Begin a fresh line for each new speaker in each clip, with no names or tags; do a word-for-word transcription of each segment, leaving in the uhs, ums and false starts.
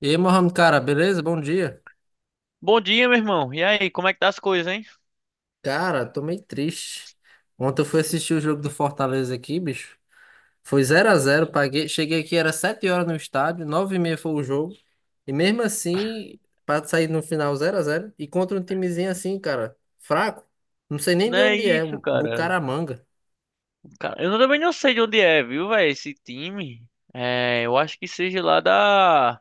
E aí, Mohamed, cara, beleza? Bom dia.
Bom dia, meu irmão. E aí, como é que tá as coisas, hein?
Cara, tô meio triste. Ontem eu fui assistir o jogo do Fortaleza aqui, bicho. Foi zero a zero. Paguei. Cheguei aqui, era sete horas no estádio, nove e meia foi o jogo. E mesmo assim, pra sair no final zero a zero e contra um timezinho assim, cara, fraco. Não sei nem
Não
de
é
onde é,
isso,
um
cara.
Bucaramanga.
Cara, eu também não sei de onde é, viu, velho, esse time. É, eu acho que seja lá da,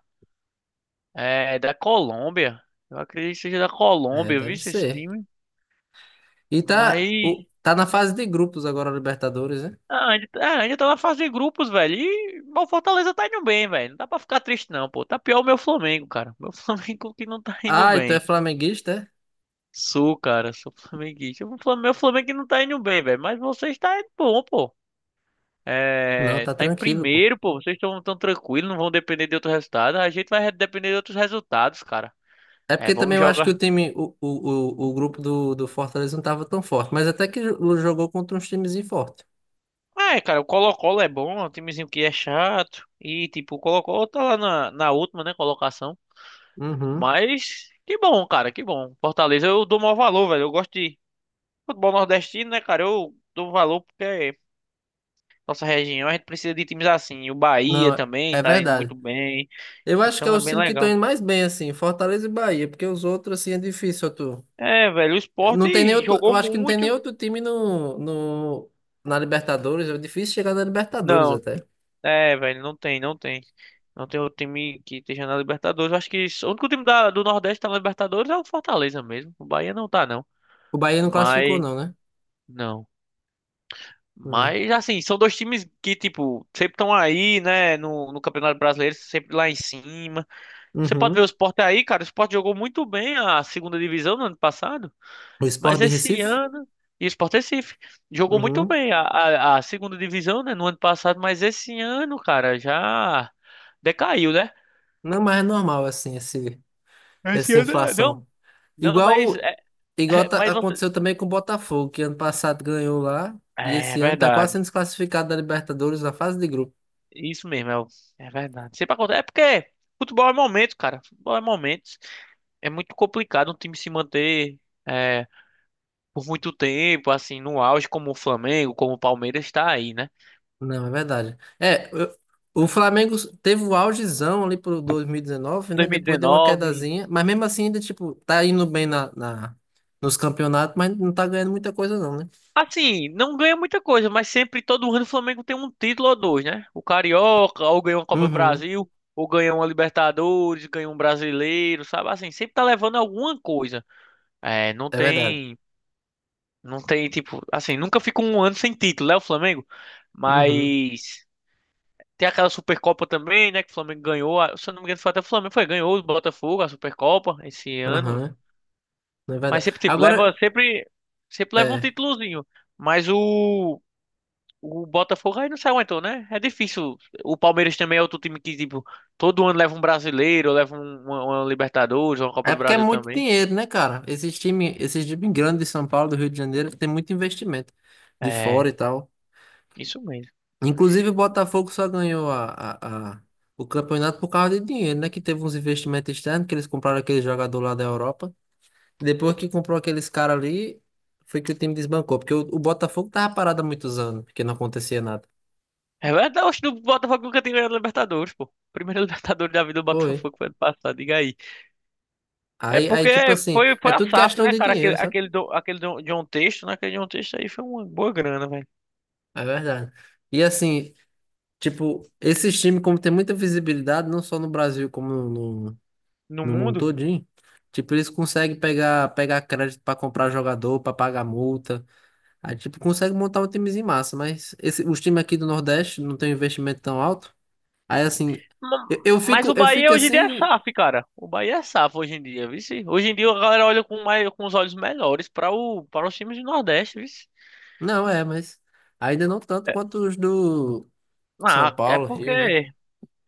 é, da Colômbia. Eu acredito que seja da
É,
Colômbia, viu,
deve
esse
ser.
time.
E tá,
Mas,
o- tá na fase de grupos agora, Libertadores, né?
ah, ainda, ah, ainda tá na fase de grupos, velho. E bom, o Fortaleza tá indo bem, velho. Não dá pra ficar triste, não, pô. Tá pior o meu Flamengo, cara. Meu Flamengo que não tá indo
Ah, e tu é
bem.
flamenguista, é?
Sou, cara, sou flamenguista. O Flam- Meu Flamengo que não tá indo bem, velho. Mas vocês tá indo bom, pô.
Não,
É,
tá
tá em
tranquilo, pô.
primeiro, pô. Vocês estão tão tranquilos, não vão depender de outro resultado. A gente vai depender de outros resultados, cara.
É
É,
porque também
vamos
eu acho que o
jogar.
time, o, o, o, o grupo do, do Fortaleza não estava tão forte, mas até que jo- jogou contra uns times fortes.
É, cara, o Colo-Colo é bom, é um timezinho que é chato. E, tipo, o Colo-Colo tá lá na, na última, né, colocação.
Uhum.
Mas, que bom, cara, que bom. Fortaleza, eu dou maior valor, velho. Eu gosto de futebol nordestino, né, cara? Eu dou valor porque é nossa região, a gente precisa de times assim. E o
Não,
Bahia
é
também
é
tá indo
verdade.
muito bem.
Eu acho que é
Então é
os
bem
times que estão
legal.
indo mais bem, assim, Fortaleza e Bahia, porque os outros, assim, é difícil, tu.
É, velho, o Sport
Não tem nem outro, eu
jogou
acho que não tem nem
muito.
outro time no, no, na Libertadores, é difícil chegar na Libertadores
Não.
até.
É, velho, não tem, não tem. Não tem outro time que esteja na Libertadores. Eu acho que o único time da- do Nordeste que tá na Libertadores é o Fortaleza mesmo. O Bahia não tá, não.
O Bahia não classificou,
Mas,
não, né?
não.
É.
Mas, assim, são dois times que, tipo, sempre estão aí, né, no, no Campeonato Brasileiro, sempre lá em cima. Você pode ver o
Uhum.
Sport aí, cara. O Sport jogou muito bem a segunda divisão no ano passado,
O
mas
Sport de
esse
Recife?
ano. E o Sport Recife jogou muito
Uhum.
bem a, a, a segunda divisão, né, no ano passado, mas esse ano, cara, já decaiu, né?
Não, mas é normal, assim, esse,
Esse
essa
eu não, não,
inflação.
não, mas,
Igual,
é,
igual
é,
tá-
mas você.
aconteceu também com o Botafogo, que ano passado ganhou lá e
É,
esse ano tá quase
verdade.
sendo desclassificado da Libertadores na fase de grupo.
Isso mesmo, é, o- é verdade. Sempre acontece. É porque futebol é momento, cara. Futebol é momentos. É muito complicado um time se manter é, por muito tempo, assim, no auge, como o Flamengo, como o Palmeiras está aí, né?
Não, é verdade. É, eu- o Flamengo teve o augezão ali pro dois mil e dezenove, né? Depois deu uma
dois mil e dezenove.
quedazinha, mas mesmo assim ainda, tipo, tá indo bem na, na, nos campeonatos, mas não tá ganhando muita coisa não, né?
Assim, não ganha muita coisa, mas sempre, todo ano, o Flamengo tem um título ou dois, né? O Carioca, ou ganha uma Copa do
Uhum,
Brasil, ou ganha uma Libertadores, ganha um Brasileiro, sabe? Assim, sempre tá levando alguma coisa. É, não
é verdade.
tem, não tem tipo, assim, nunca fica um ano sem título, né, o Flamengo?
Uhum,
Mas tem aquela Supercopa também, né, que o Flamengo ganhou, a- se eu não me engano, foi até o Flamengo, foi, ganhou o Botafogo, a Supercopa esse ano,
aham, não é
mas
verdade.
sempre tipo, leva
Agora,
sempre sempre leva um
é.
títulozinho. Mas o o Botafogo aí não se aguentou, né? É difícil. O Palmeiras também é outro time que tipo, todo ano leva um brasileiro, leva um, uma, uma Libertadores, uma Copa
É
do
porque é
Brasil
muito
também.
dinheiro, né, cara? Esses times, esses times grandes de São Paulo, do Rio de Janeiro, tem muito investimento de
É,
fora e tal.
isso mesmo.
Inclusive, o Botafogo só ganhou a, a- a- o campeonato por causa de dinheiro, né? Que teve uns investimentos externos, que eles compraram aquele jogador lá da Europa. Depois que comprou aqueles caras ali, foi que o time desbancou. Porque o, o Botafogo tava parado há muitos anos, porque não acontecia nada.
É verdade, oxe, o Botafogo nunca tinha ganhado Libertadores, pô. Primeiro Libertadores da vida do
Foi.
Botafogo foi ano passado, diga aí. É
Aí, aí,
porque
tipo assim,
foi,
é
foi a
tudo
S A F,
questão
né,
de
cara? Aquele,
dinheiro, sabe?
aquele, do, aquele do, John Texto, né? Aquele John Texto aí foi uma boa grana, velho.
É verdade. E assim, tipo, esses times, como tem muita visibilidade, não só no Brasil, como no, no,
No
no mundo
mundo.
todinho, tipo, eles conseguem pegar, pegar crédito para comprar jogador, para pagar multa. Aí, tipo, consegue montar um timezinho massa, mas esse, os times aqui do Nordeste não tem um investimento tão alto. Aí, assim, eu,
Ma-
eu
Mas
fico,
o
eu
Bahia
fico
hoje em dia é
assim,
S A F, cara. O Bahia é S A F hoje em dia, vice. Hoje em dia a galera olha com, mais, com os olhos melhores para o, para os times do Nordeste, vice.
não é, mas ainda não tanto quanto os do São
Ah, é
Paulo,
porque.
Rio, né?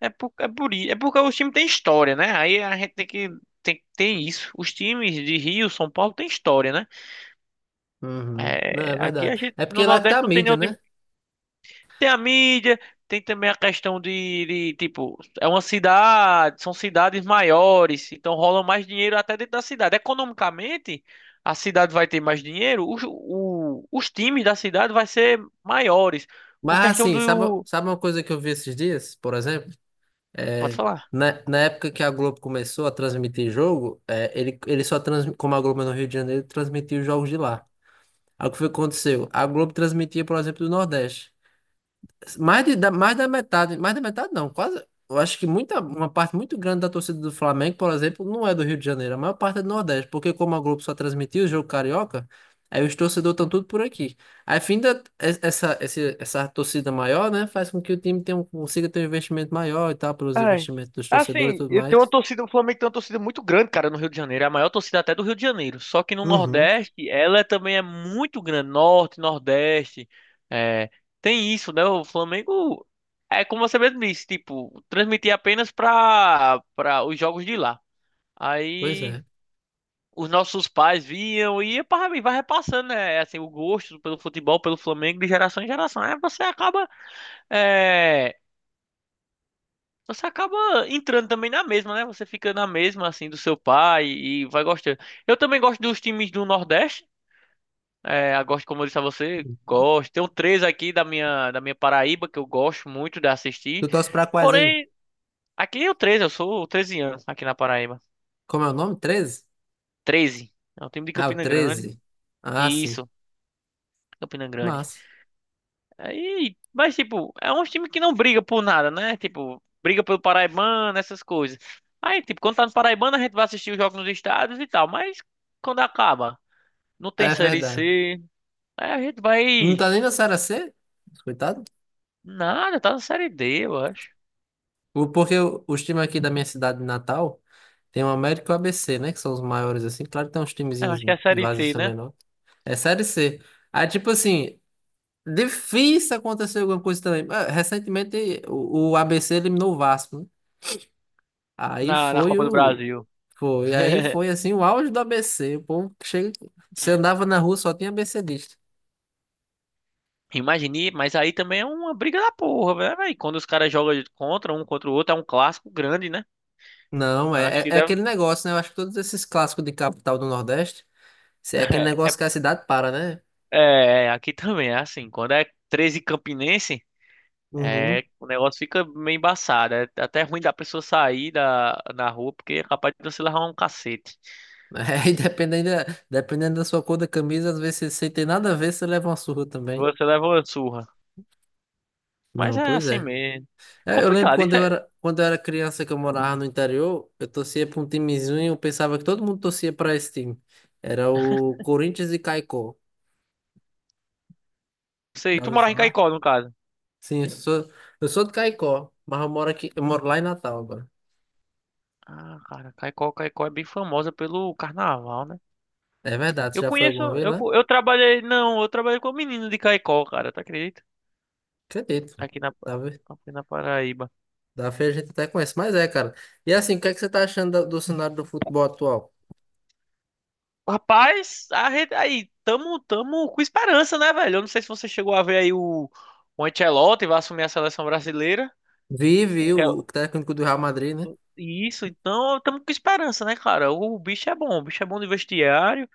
É por, é por, i- é porque os times têm história, né? Aí a gente tem que. Tem, tem isso. Os times de Rio, São Paulo, têm história, né?
Uhum. Não, é
É, aqui a
verdade.
gente
É porque
no
lá que tá
Nordeste
a
não tem
mídia,
nenhum time.
né?
Tem a mídia, tem também a questão de, de, tipo, é uma cidade, são cidades maiores, então rola mais dinheiro até dentro da cidade. Economicamente, a cidade vai ter mais dinheiro, os, o- os times da cidade vai ser maiores.
Mas
Por questão
assim, sabe,
do.
sabe uma coisa que eu vi esses dias, por exemplo?
Pode
É,
falar.
na, na época que a Globo começou a transmitir jogo, é, ele, ele só transmitia, como a Globo é no Rio de Janeiro, transmitia os jogos de lá. Aí o que foi que aconteceu? A Globo transmitia, por exemplo, do Nordeste. Mais, de, da, mais da metade, mais da metade não, quase. Eu acho que muita, uma parte muito grande da torcida do Flamengo, por exemplo, não é do Rio de Janeiro, a maior parte é do Nordeste, porque como a Globo só transmitia o jogo carioca, aí os torcedores estão tudo por aqui. Aí, fim da, es- essa, esse- essa torcida maior, né, faz com que o time tenha um- consiga ter um investimento maior e tal, pelos
Ai.
investimentos dos torcedores e
Assim,
tudo
e tem uma
mais.
torcida, o Flamengo tem uma torcida muito grande, cara, no Rio de Janeiro. É a maior torcida até do Rio de Janeiro. Só que no
Uhum.
Nordeste, ela é também é muito grande. Norte, Nordeste. É, tem isso, né? O Flamengo é como você mesmo disse, tipo, transmitia apenas pra, pra os jogos de lá.
Pois
Aí
é.
os nossos pais viam e ia pra- e vai repassando, né? Assim, o gosto pelo futebol, pelo Flamengo, de geração em geração. Aí você acaba. é, Você acaba entrando também na mesma, né? Você fica na mesma, assim, do seu pai e vai gostando. Eu também gosto dos times do Nordeste. É, eu gosto, como eu disse a você, gosto. Tem um três aqui da minha, da minha Paraíba que eu gosto muito de assistir.
Tu torce pra quais aí?
Porém, aqui é o treze, eu sou treze anos aqui na Paraíba.
Como é o nome? Treze.
Treze, é o time de
Ah, o
Campina Grande.
Treze. Ah, sim.
Isso, Campina Grande.
Massa.
Aí, mas tipo, é um time que não briga por nada, né? Tipo, briga pelo Paraibano, essas coisas. Aí, tipo, quando tá no Paraibano, a gente vai assistir os jogos nos estádios e tal, mas quando acaba, não tem
É
Série
verdade.
C, aí a gente
Não
vai.
tá nem na Série C? Coitado.
Nada, tá na Série D, eu acho.
O- Porque o- os times aqui da minha cidade natal tem o América e o A B C, né? Que são os maiores, assim. Claro que tem uns
É, eu
timezinhos
acho que é a
de
Série
vaso que
C,
são
né?
menor. É Série C. Aí, tipo assim, difícil acontecer alguma coisa também. Ah, recentemente, o, o A B C eliminou o Vasco, né? Aí
Na, na
foi
Copa do
o.
Brasil.
Foi. Aí foi, assim, o auge do A B C. O povo que chega. Você andava na rua, só tinha ABCdista.
Imagine, mas aí também é uma briga da porra, né, velho. Aí quando os caras jogam contra um contra o outro, é um clássico grande, né?
Não, é,
Acho
é,
que
é aquele
deve.
negócio, né? Eu acho que todos esses clássicos de capital do Nordeste, é aquele negócio que a cidade para, né?
É, aqui também é assim. Quando é treze Campinense,
Uhum.
é, o negócio fica meio embaçado. É até ruim da pessoa sair da, na rua, porque é capaz de você levar um cacete.
É, e dependendo, da- dependendo da sua cor da camisa, às vezes você sem ter nada a ver, você leva uma surra também.
Você leva uma surra. Mas
Não,
é
pois
assim
é.
mesmo.
É, eu lembro
Complicado,
quando
isso
eu
é.
era, quando eu era criança que eu morava no interior, eu torcia para um timezinho e eu pensava que todo mundo torcia para esse time. Era o Corinthians e Caicó.
Sei.
Já
Tu
ouviu
morava em
falar?
Caicó, no caso.
Sim, eu sou, eu sou de Caicó, mas eu moro aqui, eu moro lá em Natal agora.
Ah, cara, Caicó, Caicó é bem famosa pelo carnaval, né?
É verdade, você
Eu
já foi
conheço,
alguma vez
eu,
lá?
co- eu trabalhei, não, eu trabalhei com um menino de Caicó, cara, tu acredita?
Acredito.
Aqui na, Pa-
Tá, vendo?
aqui na Paraíba.
Da feira a gente até conhece, mas é, cara. E assim, o que é que você tá achando da- do cenário do futebol atual?
Rapaz, a rede- aí, tamo, tamo com esperança, né, velho? Eu não sei se você chegou a ver aí o, o Ancelotti vai assumir a seleção brasileira.
Vi,
O
vi,
que é-
o o técnico do Real Madrid, né?
isso, então tamo com esperança, né, cara? O, bicho é bom, o bicho é bom de vestiário.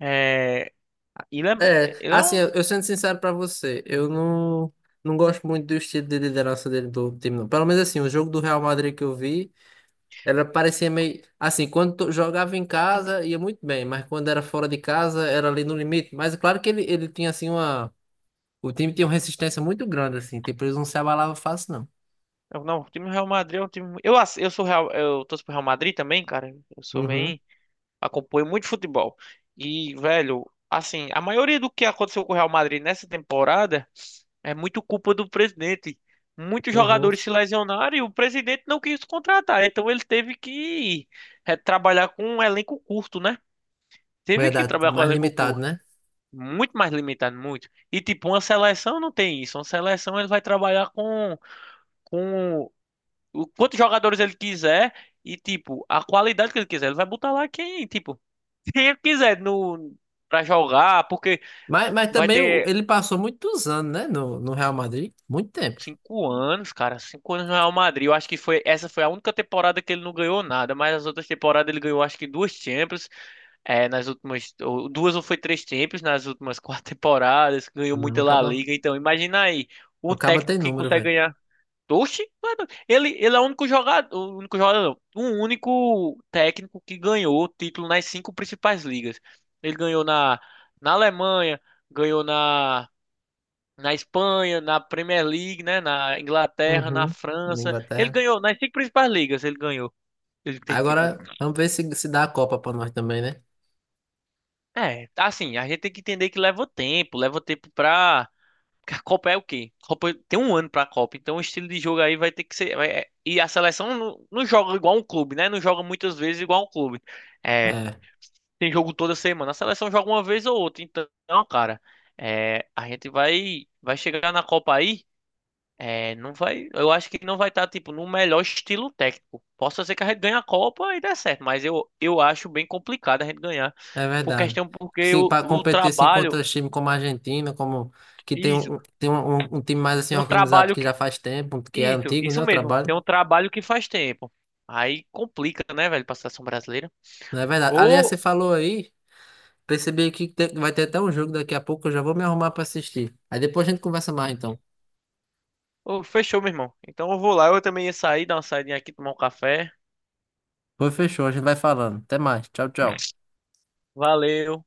É, ele é,
É,
ele é
assim,
um.
eu, eu sendo sincero pra você, eu não, não gosto muito do estilo de liderança dele do time, não. Pelo menos assim, o jogo do Real Madrid que eu vi, ela parecia meio. Assim, quando to- jogava em casa ia muito bem, mas quando era fora de casa era ali no limite. Mas é claro que ele, ele tinha assim uma. O time tinha uma resistência muito grande, assim, tipo, eles não se abalavam fácil, não.
é um, Não, o time do Real Madrid é um time. Eu, ass- eu sou Real, eu torço pro Real Madrid também, cara. Eu sou
Uhum,
bem. Acompanho muito futebol. E, velho, assim, a maioria do que aconteceu com o Real Madrid nessa temporada. É muito culpa do presidente. Muitos
uhum.
jogadores se lesionaram e o presidente não quis contratar. Então ele teve que eh, trabalhar com um elenco curto, né? Teve que
Verdade,
trabalhar com um
mais
elenco
limitado,
curto.
né?
Muito mais limitado, muito. E tipo, uma seleção não tem isso. Uma seleção ele vai trabalhar com, com o- quantos jogadores ele quiser e tipo, a qualidade que ele quiser. Ele vai botar lá quem, tipo, quem ele quiser no, pra jogar, porque
Mas, mas
vai
também o-
ter.
ele passou muitos anos, né, no, no Real Madrid, muito tempo.
Cinco anos, cara. Cinco anos no Real Madrid. Eu acho que foi essa foi a única temporada que ele não ganhou nada, mas as outras temporadas ele ganhou acho que duas Champions, é, nas últimas ou duas ou foi três Champions nas últimas quatro temporadas. Ganhou
Não, o
muita La
Caba,
Liga. Então imagina aí um
o Caba
técnico
tem
que
número,
consegue
velho.
ganhar. Oxi, mano, ele ele é o único jogador, o único jogador, não, um único técnico que ganhou o título nas cinco principais ligas. Ele ganhou na na Alemanha, ganhou na na Espanha, na Premier League, né? Na Inglaterra, na
Uhum. Na
França. Ele
Inglaterra.
ganhou, nas cinco principais ligas ele ganhou. Ele tem título.
Agora, vamos ver se, se dá a Copa pra nós também, né?
É, assim, a gente tem que entender que leva tempo, leva tempo pra. Porque a Copa é o quê? A Copa tem um ano pra Copa, então o estilo de jogo aí vai ter que ser. vai- é- E a seleção não, não joga igual um clube, né? Não joga muitas vezes igual um clube. É,
É,
tem jogo toda semana. A seleção joga uma vez ou outra. Então, cara, é, a gente vai, vai chegar na Copa aí. É, não vai. Eu acho que não vai estar, tipo, no melhor estilo técnico. Possa ser que a gente ganhe a Copa e dê certo, mas eu, eu acho bem complicado a gente ganhar.
é
Por
verdade.
questão, porque
Se
o,
para
o
competir assim
trabalho.
contra time como a Argentina, como que tem
Isso.
um, um- tem um, um- um time mais assim
Um
organizado
trabalho
que
que.
já faz tempo, que é
Isso,
antigo, né,
isso
o
mesmo.
trabalho.
Tem um trabalho que faz tempo. Aí complica, né, velho, pra seleção brasileira.
Não é verdade. Aliás, você
Ou.
falou aí, percebi aqui que tem- vai ter até um jogo daqui a pouco, eu já vou me arrumar pra assistir. Aí depois a gente conversa mais então.
ou Fechou, meu irmão. Então eu vou lá. Eu também ia sair, dar uma saidinha aqui, tomar um café.
Pois fechou, a gente vai falando. Até mais. Tchau, tchau.
Valeu.